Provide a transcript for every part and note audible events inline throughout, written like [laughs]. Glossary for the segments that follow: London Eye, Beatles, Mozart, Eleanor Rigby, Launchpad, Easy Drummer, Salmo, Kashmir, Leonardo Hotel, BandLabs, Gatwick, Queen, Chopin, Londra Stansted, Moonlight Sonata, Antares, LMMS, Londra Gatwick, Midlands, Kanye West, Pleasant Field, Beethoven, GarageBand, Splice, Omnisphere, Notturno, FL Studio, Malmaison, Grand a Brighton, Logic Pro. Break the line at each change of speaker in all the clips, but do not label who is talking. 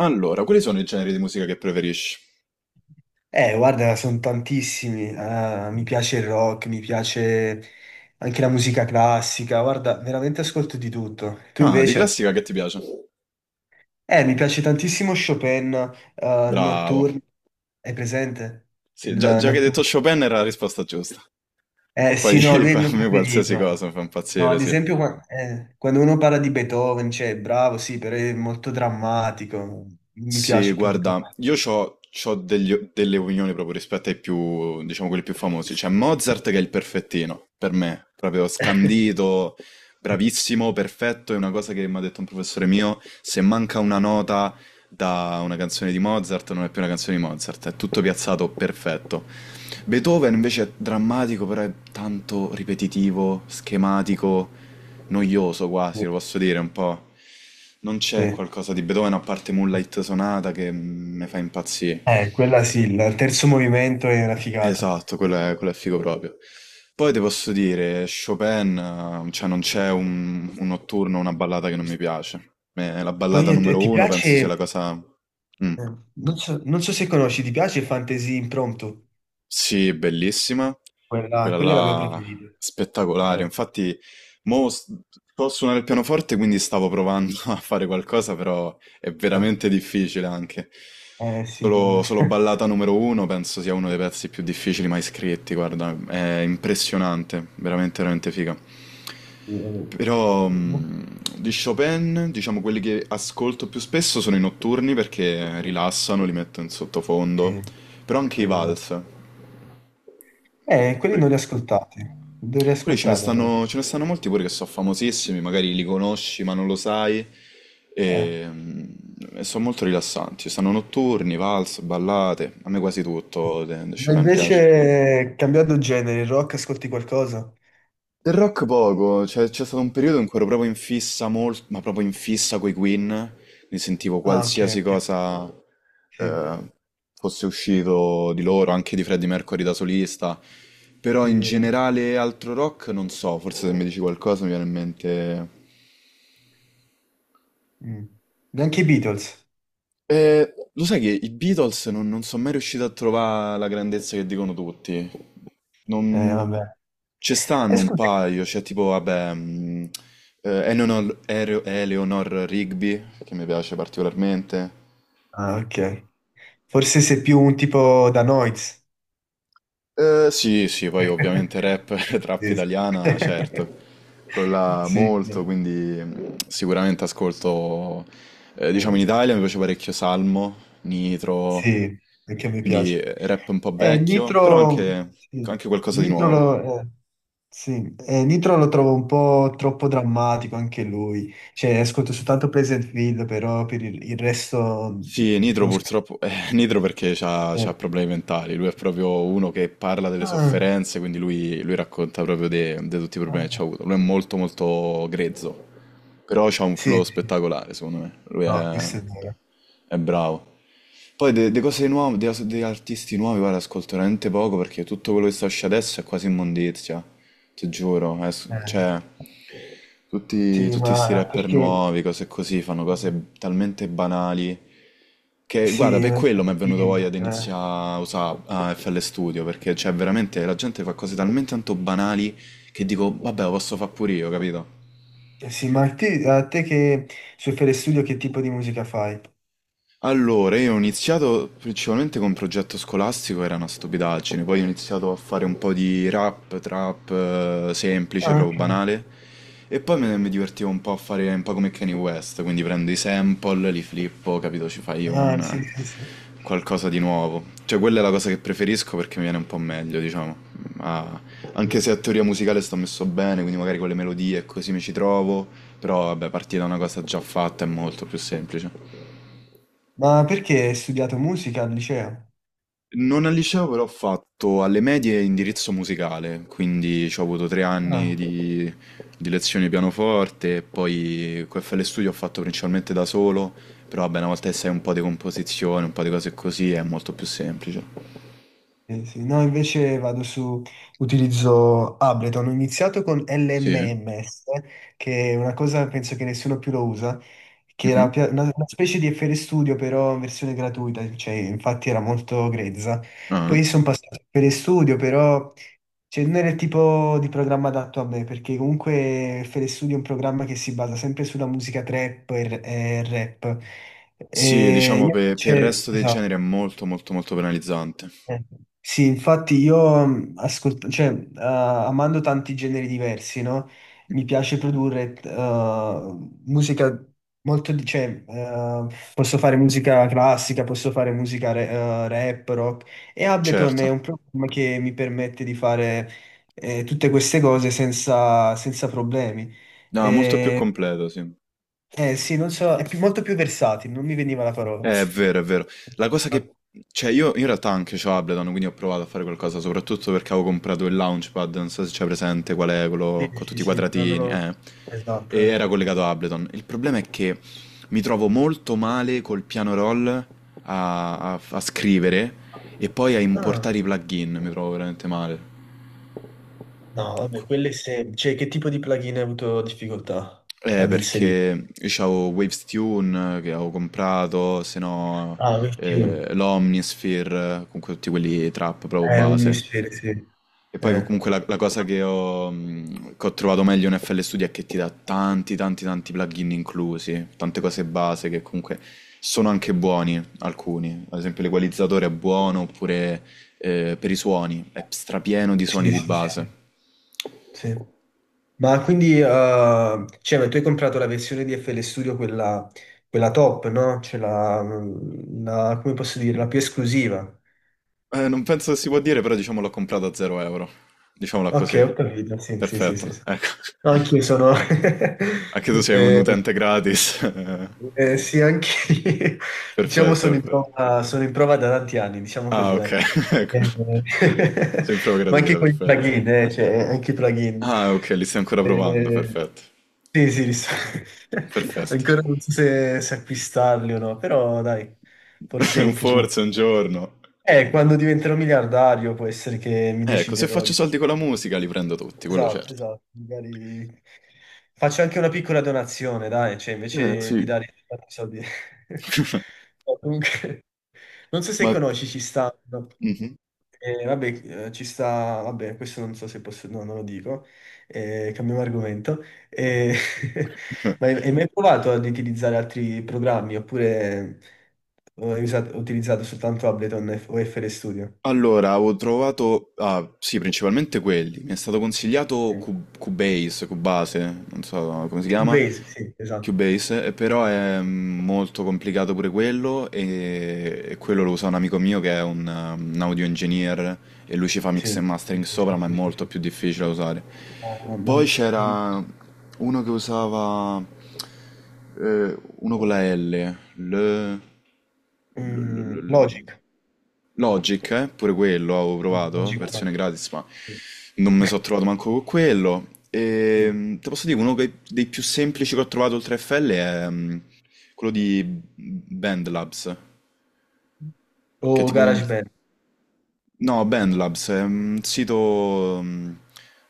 Allora, quali sono i generi di musica che preferisci?
Guarda, sono tantissimi. Ah, mi piace il rock, mi piace anche la musica classica. Guarda, veramente ascolto di tutto. Tu
Ah, di
invece?
classica che ti piace?
Mi piace tantissimo Chopin, il
Bravo.
Notturno. Hai presente? Il
Sì, già, già che hai detto
Notturno.
Chopin era la risposta giusta.
Eh
Poi
sì, no, lui
[laughs]
è il mio
a me qualsiasi
preferito.
cosa mi fa
No,
impazzire,
ad
sì.
esempio, quando uno parla di Beethoven, cioè, bravo, sì, però è molto drammatico. Mi
Sì,
piace più di
guarda,
tanto.
io ho delle opinioni proprio rispetto ai più, diciamo, quelli più famosi. C'è Mozart che è il perfettino, per me, proprio
[laughs]
scandito, bravissimo, perfetto, è una cosa che mi ha detto un professore mio, se manca una nota da una canzone di Mozart non è più una canzone di Mozart, è tutto piazzato perfetto. Beethoven invece è drammatico, però è tanto ripetitivo, schematico, noioso quasi, lo posso dire un po'. Non c'è
Sì.
qualcosa di Beethoven a parte Moonlight Sonata che mi fa impazzire.
Quella sì, il terzo movimento è una figata.
Esatto, quello è figo proprio. Poi ti posso dire, Chopin, cioè non c'è un notturno, una ballata che non mi piace. La
Poi
ballata
ti
numero
ti
uno
piace,
penso sia la cosa. Mm.
non so se conosci, ti piace Fantasy Impromptu?
Sì, bellissima,
Quella,
quella
quella è la mia
là
preferita.
spettacolare.
Eh,
Infatti, mo s- so suonare il pianoforte, quindi stavo provando [laughs] a fare qualcosa, però è
eh,
veramente difficile anche.
sì.
Solo
[laughs]
ballata numero uno, penso sia uno dei pezzi più difficili mai scritti, guarda, è impressionante, veramente, veramente figa.
Sì, vabbè.
Però
No,
di Chopin, diciamo quelli che ascolto più spesso sono i notturni perché rilassano, li metto in sottofondo,
Eh,
però anche i
beh,
vals.
quelli non li
Quelli
ascoltati, dovrei
quelli ce ne
ascoltarli allora.
stanno, ce ne stanno molti pure che sono famosissimi, magari li conosci ma non lo sai.
Eh.
E, mm, e sono molto rilassanti. Ci stanno notturni, valse, ballate. A me quasi tutto de
Ma
Chopin piace.
invece, cambiando genere, il rock, ascolti qualcosa?
Del rock poco, cioè c'è stato un periodo in cui ero proprio in fissa molto, ma proprio in fissa coi Queen, mi sentivo
Ah, ok,
qualsiasi
ok,
cosa
sì,
eh, fosse uscito di loro, anche di Freddie Mercury da solista, però in
sì.
generale altro rock non so, forse se mi dici qualcosa mi viene in mente.
Mm. Neanche i Beatles.
Eh, lo sai che i Beatles non sono mai riusciti a trovare la grandezza che dicono tutti. Non.
Vabbè.
Ci
E
stanno un
scusa.
paio, c'è tipo, vabbè, Eleanor, Eleanor Rigby, che mi piace particolarmente.
Ah, ok. Forse sei più un tipo da Noiz.
Sì, sì, poi ovviamente
[laughs]
rap, [laughs] trap
Sì. Sì.
italiana, certo,
[laughs]
quella
Sì,
molto, quindi sicuramente ascolto, diciamo
eh,
in Italia mi piace parecchio Salmo, Nitro,
sì, anche a me
quindi
piace.
rap un po' vecchio, però
Nitro,
anche,
sì,
anche qualcosa di
Nitro
nuovo.
lo, eh, sì, Nitro lo trovo un po' troppo drammatico anche lui. Cioè, ascolto soltanto Pleasant Field, però per il resto
Sì,
non
Nitro
conosco.
purtroppo, [laughs] Nitro perché c'ha,
Eh,
c'ha problemi mentali, lui è proprio uno che parla delle
ah,
sofferenze, quindi lui racconta proprio di tutti i problemi che
ah,
c'ha avuto. Lui è molto molto grezzo, però c'ha un
sì,
flow
sì,
spettacolare secondo me, lui
no,
è,
questo è vero.
è bravo. Poi de cose nuove, de artisti nuovi, guarda, ascolto veramente poco perché tutto quello che sta uscendo adesso è quasi immondizia, ti giuro,
Eh.
cioè. Tutti,
Sì,
tutti sti
ma
rapper
perché
nuovi, cose così, fanno
eh,
cose talmente banali che, guarda,
sì,
per quello mi è venuto
sì,
voglia di iniziare a usare FL Studio, perché, cioè, veramente la gente fa cose talmente tanto banali che dico, vabbè, lo posso fare pure io, capito?
sì, ma a te che sui Fere Studio che tipo di musica fai?
Allora, io ho iniziato principalmente con un progetto scolastico, era una stupidaggine, poi ho iniziato a fare un po' di rap, trap, semplice,
Ah,
proprio
ok.
banale, e poi mi divertivo un po' a fare un po' come Kanye West, quindi prendo i sample, li flippo, capito, ci fai un
Ah, sì, sì, sì.
qualcosa di nuovo. Cioè, quella è la cosa che preferisco perché mi viene un po' meglio, diciamo. Ma anche se a teoria musicale sto messo bene, quindi magari con le melodie e così mi ci trovo, però vabbè, partire da una cosa già fatta è molto più semplice.
Ma perché hai studiato musica al liceo?
Non al liceo, però ho fatto alle medie indirizzo musicale, quindi ci ho avuto 3 anni
Ah.
di lezioni di pianoforte, e poi QFL Studio ho fatto principalmente da solo, però vabbè, una volta che sai un po' di composizione, un po' di cose così, è molto più semplice.
Sì, sì. No, invece vado su, utilizzo Ableton. Ho iniziato con
Sì?
LMMS, che è una cosa penso che nessuno più lo usa, che era
Mhm.
una specie di FL Studio però in versione gratuita, cioè infatti era molto grezza.
Ah.
Poi sono passato a FL Studio, però cioè, non era il tipo di programma adatto a me, perché comunque FL Studio è un programma che si basa sempre sulla musica trap e rap.
Sì,
E
diciamo
io
per il
invece,
resto dei
esatto.
generi è molto molto molto penalizzante.
Eh, Sì, infatti io cioè, amando tanti generi diversi, no? Mi piace produrre musica molto, cioè, posso fare musica classica, posso fare musica rap, rock e Ableton è
Certo.
un programma che mi permette di fare tutte queste cose senza problemi.
No, molto più
Eh,
completo, sì.
sì, non so, molto più versatile, non mi veniva la parola.
È vero, è vero. La cosa che. Cioè, io in realtà anche c'ho Ableton, quindi ho provato a fare qualcosa, soprattutto perché avevo comprato il Launchpad, non so se c'è presente qual è
Sì,
quello con
sì,
tutti i
sì, no. non
quadratini,
ho-
eh. E
Esatto. Eh.
era collegato a Ableton. Il problema è che mi trovo molto male col piano roll a scrivere e poi a
Ah,
importare i plugin, mi trovo veramente male.
no, vabbè, cioè, che tipo di plugin hai avuto difficoltà ad inserire?
Perché io c'avevo Waves Tune che avevo comprato, se no
Ah, questi
l'Omnisphere, comunque tutti quelli trap proprio
è un
base.
mistero, sì.
E poi
Eh,
comunque la cosa che ho trovato meglio in FL Studio è che ti dà tanti tanti tanti plugin inclusi, tante cose base che comunque sono anche buoni alcuni, ad esempio l'equalizzatore è buono oppure per i suoni, è strapieno di suoni
sì, sì,
di
sì, sì,
base.
sì. Ma quindi, cioè, ma tu hai comprato la versione di FL Studio, quella top, no? Cioè, come posso dire, la più esclusiva.
Non penso che si può dire, però diciamo l'ho comprato a 0 euro. Diciamola
Ok,
così.
ho capito, sì, sì, sì, sì.
Perfetto,
Sì.
ecco.
No, anch'io
[laughs]
sono.
Anche tu
[laughs]
sei un
eh,
utente gratis. [laughs]
Sì, anche lì, [laughs] diciamo,
Perfetto, perfetto.
sono in prova da tanti anni, diciamo
Ah,
così,
ok,
dai.
[laughs] ecco.
Eh,
Sei in prova
[laughs] ma anche
gratuita,
con i
perfetto.
plugin, cioè, anche i plugin.
Ah, ok, li stai ancora provando,
Eh,
perfetto.
sì, sì, [laughs]
Perfetto.
ancora non so se acquistarli o no, però dai,
[laughs]
forse
Un
in futuro.
forse un giorno.
Quando diventerò miliardario può essere che mi
Ecco, se
deciderò
faccio
di.
soldi con la musica li prendo tutti, quello
Esatto,
certo.
esatto, magari faccio anche una piccola donazione, dai, cioè invece di
Sì.
dare tanti soldi. [laughs]
[laughs]
No, comunque, non so se
Ma.
conosci, ci sta, no,
Mhm.
vabbè, ci sta, vabbè, questo non so se posso, no, non lo dico, cambiamo argomento. Eh, [laughs] ma hai
[laughs]
mai provato ad utilizzare altri programmi oppure utilizzato soltanto Ableton o FL Studio?
Allora, avevo trovato, ah, sì, principalmente quelli. Mi è stato consigliato
Sì.
Cubase, non so come si chiama,
Cubase, sì, esatto,
Cubase, però è molto complicato pure quello e quello lo usa un amico mio che è un audio engineer e lui ci fa
sì,
mix e
sì,
mastering
sì,
sopra,
sì,
ma è
sì, sì.
molto
Sì.
più difficile da usare.
Ah, ma
Poi
in-
c'era uno che usava, uno con la L, L, L, L,
Logic.
Logic, pure quello avevo
Sì,
provato,
Logic Pro.
versione gratis, ma
Sì.
non mi
[laughs]
sono trovato manco con quello.
Sì.
E, te posso dire, dei più semplici che ho trovato oltre a FL è quello di Bandlabs, che è
O
tipo. Un...
GarageBand?
No, BandLabs è un sito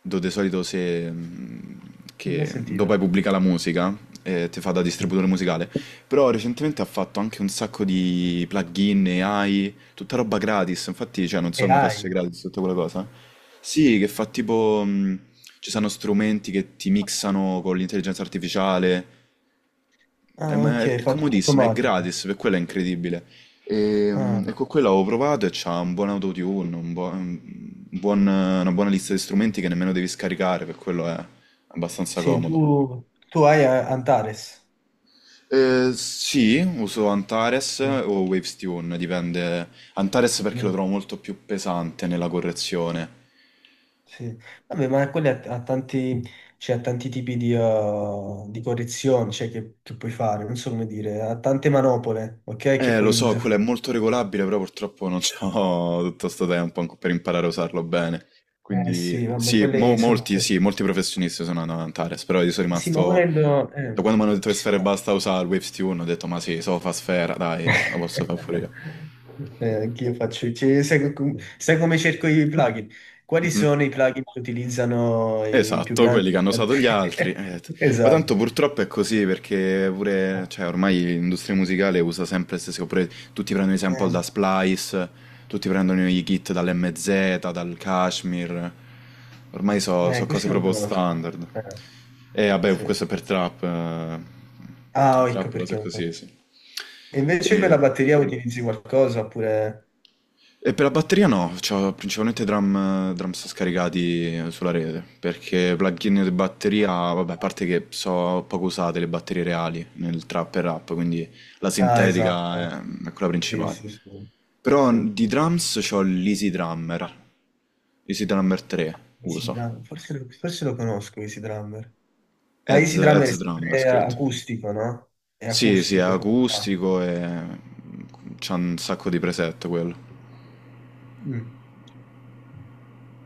dove di solito se,
Non mai
che
sentito.
dopo hai pubblica la musica e ti fa da
Sì.
distributore musicale, però recentemente ha fatto anche un sacco di plugin, AI, tutta roba gratis, infatti cioè, non so come fosse
AI.
gratis tutta quella cosa. Sì, che fa tipo, ci sono strumenti che ti mixano con l'intelligenza artificiale,
Ah,
ma è,
ok,
è
fa tutto
comodissimo, è
automatico.
gratis, per quello è incredibile. E
Ah,
con quello avevo provato e c'ha un buon autotune, un buo- un buon- una buona lista di strumenti che nemmeno devi scaricare, per quello è abbastanza
sì,
comodo.
tu Antares.
Sì, uso Antares
Sì.
o Wavestune, dipende. Antares perché lo
Mm,
trovo molto più pesante nella correzione.
sì. Vabbè, ma quelli ha tanti, cioè, ha tanti tipi di correzioni, cioè, che puoi fare, non so come dire, ha tante manopole, ok, che
Lo
puoi
so, quello
usufruire.
è molto regolabile, però purtroppo non ho [laughs] tutto sto tempo per imparare a usarlo bene.
Eh
Quindi
sì, vabbè,
sì,
quelle sono,
molti,
cioè.
sì, molti professionisti sono andati ad Antares, però io sono
Sì, ma
rimasto.
volendo
Da quando mi hanno detto che
ci
Sphere
sta.
basta usare il Waves Tune, ho detto ma sì, so fa Sfera, dai, lo posso fare pure io.
[laughs] Anch'io faccio sai come cerco i plugin? Quali
Mhm.
sono i plugin che utilizzano i più
Esatto,
grandi?
quelli che hanno
[laughs]
usato gli altri. Ma
Esatto.
tanto purtroppo è così perché pure, cioè, ormai l'industria musicale usa sempre le stesse oppure tutti prendono i sample
Eh,
da Splice, tutti prendono i kit dall'MZ, dal Kashmir. Ormai sono cose
questi non
proprio
conosco.
standard. E vabbè, questo è
Sì.
per trap, eh,
Ah, ecco
trap, cose
perché non
così,
conosco.
sì.
E invece quella
E...
batteria utilizzi qualcosa oppure.
E per la batteria no, c'ho principalmente drums scaricati sulla rete, perché plugin di batteria, vabbè, a parte che so poco usate le batterie reali nel trap e rap, quindi la
Ah, esatto.
sintetica è quella
Eh.
principale.
Sì, sì, sì.
Però
Sì.
di drums c'ho l'Easy Drummer, Easy Drummer 3
Easy
uso,
Drum, Forse, lo Forse lo conosco, Easy Drummer. Ma Easy Drummer è
Heads Drummer
sempre
scritto.
acustico, no? È
Sì, sì, è
acustico, se non sbaglio.
acustico e c'ha un sacco di preset quello.
Mm.